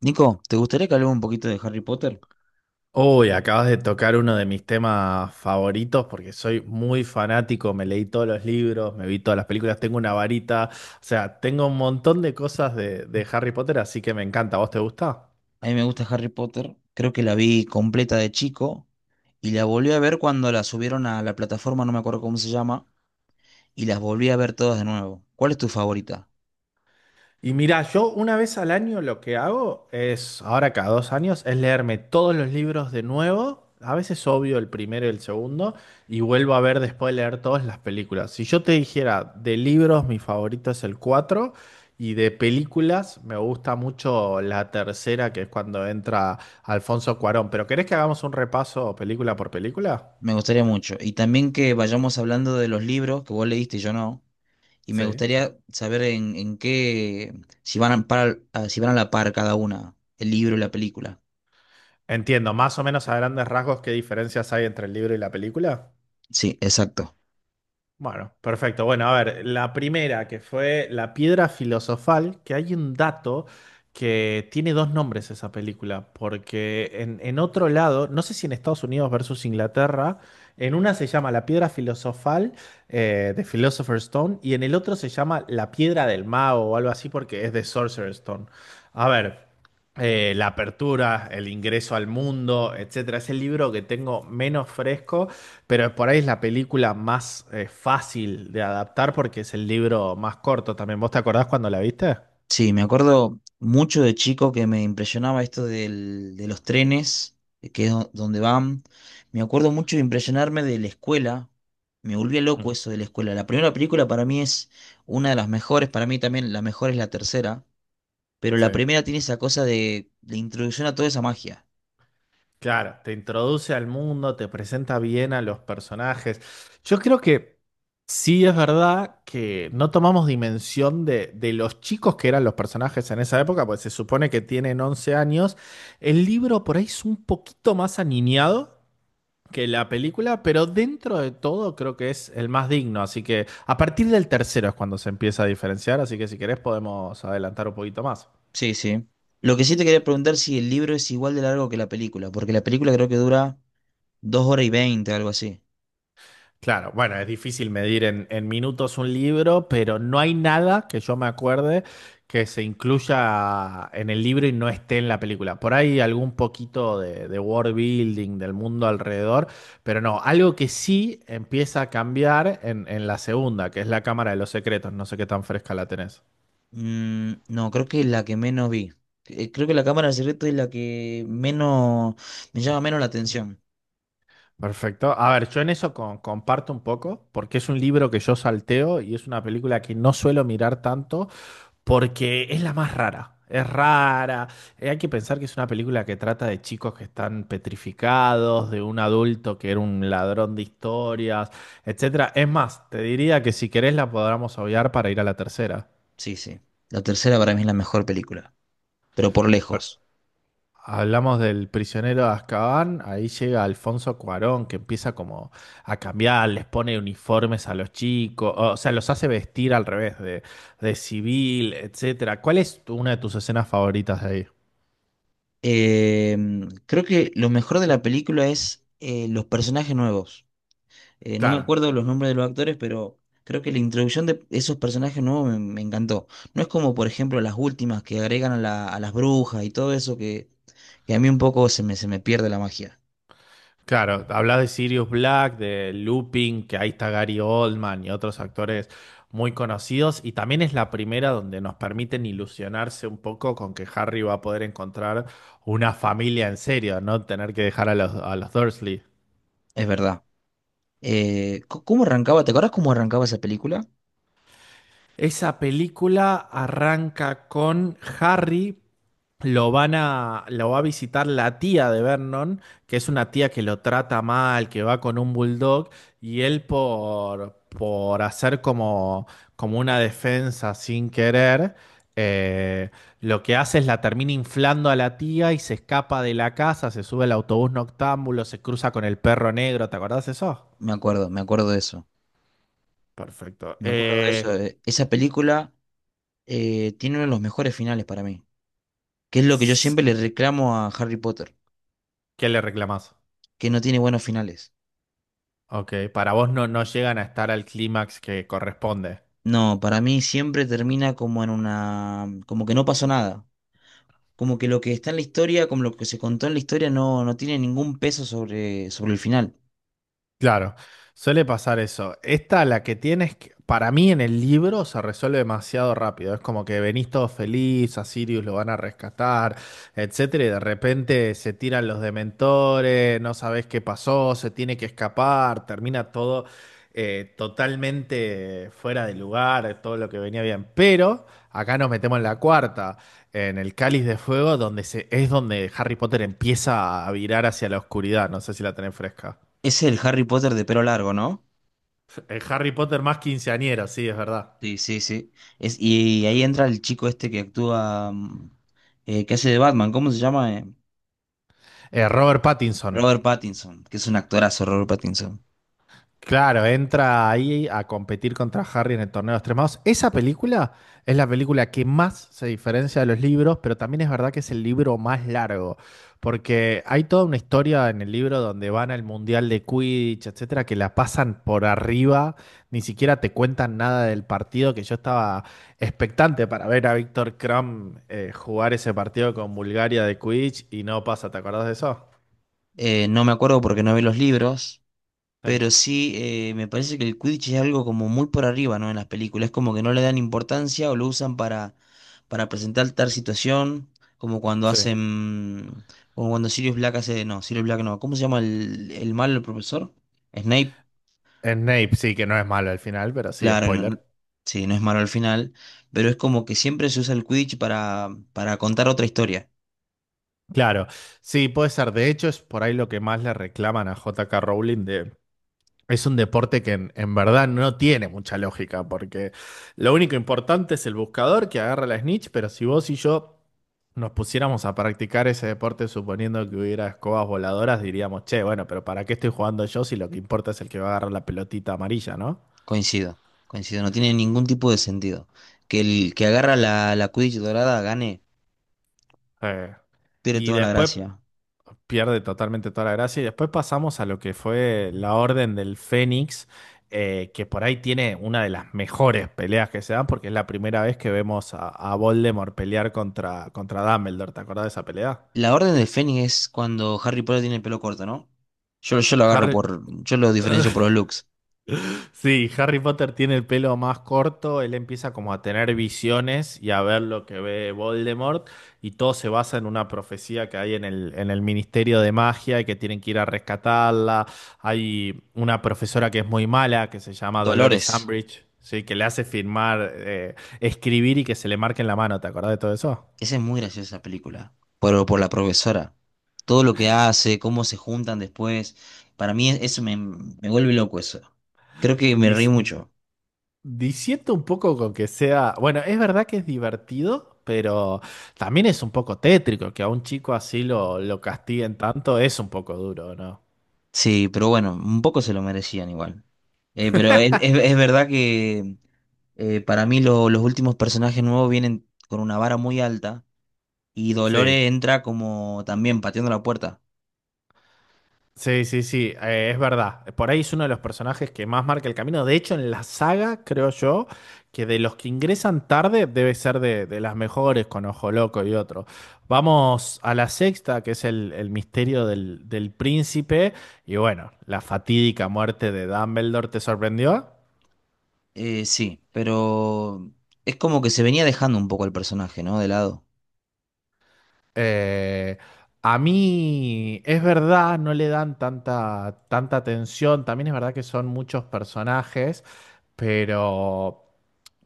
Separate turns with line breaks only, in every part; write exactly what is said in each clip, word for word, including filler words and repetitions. Nico, ¿te gustaría que hablemos un poquito de Harry Potter?
Uy, acabas de tocar uno de mis temas favoritos porque soy muy fanático, me leí todos los libros, me vi todas las películas, tengo una varita, o sea, tengo un montón de cosas de, de Harry Potter, así que me encanta. ¿A ¿Vos te gusta?
A mí me gusta Harry Potter, creo que la vi completa de chico y la volví a ver cuando la subieron a la plataforma, no me acuerdo cómo se llama, y las volví a ver todas de nuevo. ¿Cuál es tu favorita?
Y mira, yo una vez al año lo que hago es, ahora cada dos años, es leerme todos los libros de nuevo. A veces obvio el primero y el segundo, y vuelvo a ver después de leer todas las películas. Si yo te dijera de libros, mi favorito es el cuatro y de películas me gusta mucho la tercera, que es cuando entra Alfonso Cuarón. Pero ¿querés que hagamos un repaso película por película?
Me gustaría mucho. Y también que vayamos hablando de los libros que vos leíste y yo no. Y me
Sí.
gustaría saber en, en qué, si van a, par- a- si van a la par cada una, el libro y la película.
Entiendo, más o menos a grandes rasgos qué diferencias hay entre el libro y la película.
Sí, exacto.
Bueno, perfecto. Bueno, a ver, la primera que fue La Piedra Filosofal, que hay un dato que tiene dos nombres esa película, porque en, en otro lado, no sé si en Estados Unidos versus Inglaterra, en una se llama La Piedra Filosofal eh, de Philosopher's Stone y en el otro se llama La Piedra del Mago o algo así porque es de Sorcerer's Stone. A ver. eh, la apertura, el ingreso al mundo, etcétera. Es el libro que tengo menos fresco, pero por ahí es la película más eh, fácil de adaptar porque es el libro más corto también. ¿Vos te acordás cuando la viste?
Sí, me acuerdo mucho de chico que me impresionaba esto del- de los trenes, de que es do- donde van. Me acuerdo mucho de impresionarme de la escuela. Me volvía
Mm,
loco eso de la escuela. La primera película para mí es una de las mejores, para mí también la mejor es la tercera, pero
Sí.
la primera tiene esa cosa de la introducción a toda esa magia.
Claro, te introduce al mundo, te presenta bien a los personajes. Yo creo que sí es verdad que no tomamos dimensión de, de los chicos que eran los personajes en esa época, pues se supone que tienen once años. El libro por ahí es un poquito más aniñado, que la película, pero dentro de todo creo que es el más digno. Así que a partir del tercero es cuando se empieza a diferenciar, así que si querés podemos adelantar un poquito más.
Sí, sí. Lo que sí te quería preguntar si el libro es igual de largo que la película, porque la película creo que dura dos horas y veinte, algo así.
Claro, bueno, es difícil medir en, en minutos un libro, pero no hay nada que yo me acuerde que se incluya en el libro y no esté en la película. Por ahí algún poquito de, de world building, del mundo alrededor, pero no, algo que sí empieza a cambiar en, en la segunda, que es la Cámara de los Secretos, no sé qué tan fresca la tenés.
Mm, no, creo que la que menos vi. Eh, Creo que la cámara de secreto es la que menos me llama menos la atención.
Perfecto. A ver, yo en eso con- comparto un poco, porque es un libro que yo salteo y es una película que no suelo mirar tanto porque es la más rara. Es rara. Eh, Hay que pensar que es una película que trata de chicos que están petrificados, de un adulto que era un ladrón de historias, etcétera. Es más, te diría que si querés la podamos obviar para ir a la tercera.
Sí, sí. La tercera para mí es la mejor película, pero por lejos.
Hablamos del prisionero de Azkaban, ahí llega Alfonso Cuarón que empieza como a cambiar, les pone uniformes a los chicos, o sea, los hace vestir al revés de, de civil, etcétera. ¿Cuál es tu- una de tus escenas favoritas de ahí?
Eh, creo que lo mejor de la película es eh, los personajes nuevos. Eh, no me
Claro,
acuerdo los nombres de los actores, pero creo que la introducción de esos personajes nuevos me, me encantó. No es como, por ejemplo, las últimas que agregan a, la- a las brujas y todo eso que, que a mí un poco se me, se me pierde la magia.
claro, hablas de Sirius Black, de Lupin, que ahí está Gary Oldman y otros actores muy conocidos, y también es la primera donde nos permiten ilusionarse un poco con que Harry va a poder encontrar una familia en serio, no tener que dejar a los, a los Dursley.
Es verdad. Eh, c- ¿cómo arrancaba? ¿Te acuerdas cómo arrancaba esa película?
Esa película arranca con Harry, lo van a, lo va a visitar la tía de Vernon, que es una tía que lo trata mal, que va con un bulldog, y él por, por hacer como, como una defensa sin querer, eh, lo que hace es la termina inflando a la tía y se escapa de la casa, se sube al autobús noctámbulo, se cruza con el perro negro, ¿te acordás de eso?
Me acuerdo, me acuerdo de eso.
Perfecto.
Me acuerdo de eso.
Eh,
eh, Esa película eh, tiene uno de los mejores finales para mí. Que es lo que yo
s-
siempre le reclamo a Harry Potter,
¿qué le reclamás?
que no tiene buenos finales.
Ok, para vos no, no llegan a estar al clímax que corresponde.
No, para mí siempre termina como en una, como que no pasó nada. Como que lo que está en la historia, como lo que se contó en la historia, no, no tiene ningún peso sobre, sobre el final.
Claro, suele pasar eso. Esta, la que tienes, que- para mí en el libro se resuelve demasiado rápido. Es como que venís todo feliz, a Sirius lo van a rescatar, etcétera, y de repente se tiran los dementores, no sabés qué pasó, se tiene que escapar, termina todo eh, totalmente fuera de lugar, todo lo que venía bien. Pero acá nos metemos en la cuarta, en el Cáliz de Fuego, donde se, es donde Harry Potter empieza a virar hacia la oscuridad. No sé si la tenés fresca.
Es el Harry Potter de pelo largo, ¿no?
El Harry Potter más quinceañero, sí, es verdad.
Sí, sí, sí. Es, y ahí entra el chico este que actúa, mm, eh, que hace de Batman, ¿cómo se llama? Eh,
Eh, Robert Pattinson.
Robert Pattinson, que es un actorazo, Robert Pattinson.
Claro, entra ahí a competir contra Harry en el torneo de los tres magos. Esa película es la película que más se diferencia de los libros, pero también es verdad que es el libro más largo, porque hay toda una historia en el libro donde van al mundial de Quidditch, etcétera, que la pasan por arriba, ni siquiera te cuentan nada del partido, que yo estaba expectante para ver a Víctor Krum eh, jugar ese partido con Bulgaria de Quidditch y no pasa, ¿te acordás de eso?
Eh, no me acuerdo porque no vi los libros,
Sí,
pero sí eh, me parece que el Quidditch es algo como muy por arriba, ¿no? En las películas, como que no le dan importancia o lo usan para, para presentar tal situación, como cuando
sí.
hacen, como cuando Sirius Black hace, no, Sirius Black no, ¿cómo se llama el, el malo, el profesor? Snape.
Snape sí que no es malo al final, pero sí,
Claro, no-
spoiler.
sí, no es malo al final, pero es como que siempre se usa el Quidditch para, para contar otra historia.
Claro, sí, puede ser. De hecho, es por ahí lo que más le reclaman a J K. Rowling de... Es un deporte que en, en verdad no tiene mucha lógica, porque lo único importante es el buscador que agarra la snitch, pero si vos y yo nos pusiéramos a practicar ese deporte suponiendo que hubiera escobas voladoras, diríamos, che, bueno, pero ¿para qué estoy jugando yo si lo que importa es el que va a agarrar la pelotita amarilla, ¿no?
Coincido, coincido, no tiene ningún tipo de sentido. Que el que agarra la, la Quidditch dorada gane,
Eh,
pierde
y
toda la
después
gracia.
pierde totalmente toda la gracia. Y después pasamos a lo que fue la Orden del Fénix, eh, que por ahí tiene una de las mejores peleas que se dan, porque es la primera vez que vemos a, a Voldemort pelear contra, contra Dumbledore. ¿Te acordás de esa pelea?
La Orden del Fénix es cuando Harry Potter tiene el pelo corto, ¿no? Yo, yo lo agarro
Harry,
por, yo lo diferencio por los looks.
Sí, Harry Potter tiene el pelo más corto, él empieza como a tener visiones y a ver lo que ve Voldemort y todo se basa en una profecía que hay en el, en el Ministerio de Magia y que tienen que ir a rescatarla. Hay una profesora que es muy mala, que se llama Dolores
Dolores.
Umbridge, ¿sí? que le hace firmar, eh, escribir y que se le marque en la mano, ¿te acordás de todo eso?
Esa es muy graciosa esa película, por, por la profesora. Todo lo que hace, cómo se juntan después. Para mí es- eso me, me vuelve loco eso. Creo que me reí
Dic-
mucho.
Diciendo un poco con que sea, bueno, es verdad que es divertido, pero también es un poco tétrico que a un chico así lo, lo castiguen tanto, es un poco duro, ¿no?
Sí, pero bueno, un poco se lo merecían igual. Eh, pero es, es- es verdad que eh, para mí lo- los últimos personajes nuevos vienen con una vara muy alta y
Sí,
Dolores entra como también pateando la puerta.
sí, sí, sí, eh, es verdad. Por ahí es uno de los personajes que más marca el camino. De hecho, en la saga, creo yo, que de los que ingresan tarde debe ser de, de las mejores, con Ojo Loco y otro. Vamos a la sexta, que es el, el misterio del, del príncipe. Y bueno, la fatídica muerte de Dumbledore, ¿te sorprendió?
Eh, sí, pero es como que se venía dejando un poco el personaje, ¿no? De lado.
Eh, a mí es verdad, no le dan tanta, tanta atención. También es verdad que son muchos personajes, pero,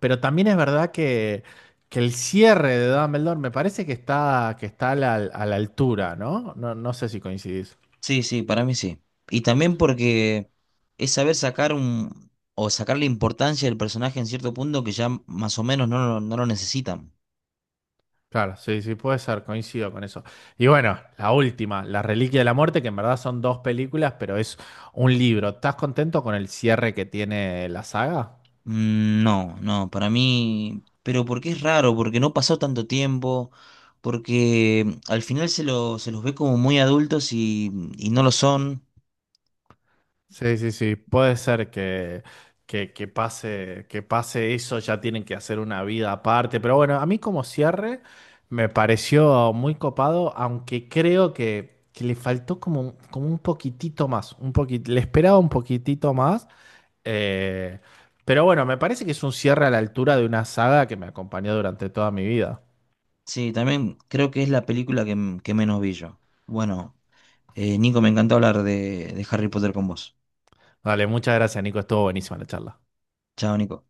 pero también es verdad que, que el cierre de Dumbledore me parece que está, que está a la, a la altura, ¿no? No, no sé si coincidís.
Sí, sí, para mí sí. Y también porque es saber sacar un, o sacar la importancia del personaje en cierto punto que ya más o menos no, lo- no lo necesitan.
Claro, sí, sí, puede ser, coincido con eso. Y bueno, la última, La Reliquia de la Muerte, que en verdad son dos películas, pero es un libro. ¿Estás contento con el cierre que tiene la saga?
Mm, no, no, para mí, pero porque es raro, porque no pasó tanto tiempo, porque al final se lo, se los ve como muy adultos y, y no lo son.
Sí, sí, sí, puede ser que, que, que pase, que pase eso, ya tienen que hacer una vida aparte, pero bueno, a mí como cierre me pareció muy copado, aunque creo que, que le faltó como, un- como un poquitito más, un poquit- le esperaba un poquitito más, eh, pero bueno, me parece que es un cierre a la altura de una saga que me acompañó durante toda mi vida.
Sí, también creo que es la película que, m- que menos vi yo. Bueno, eh, Nico, me encantó hablar de, de Harry Potter con vos.
Dale, muchas gracias, Nico, estuvo buenísima la charla.
Chao, Nico.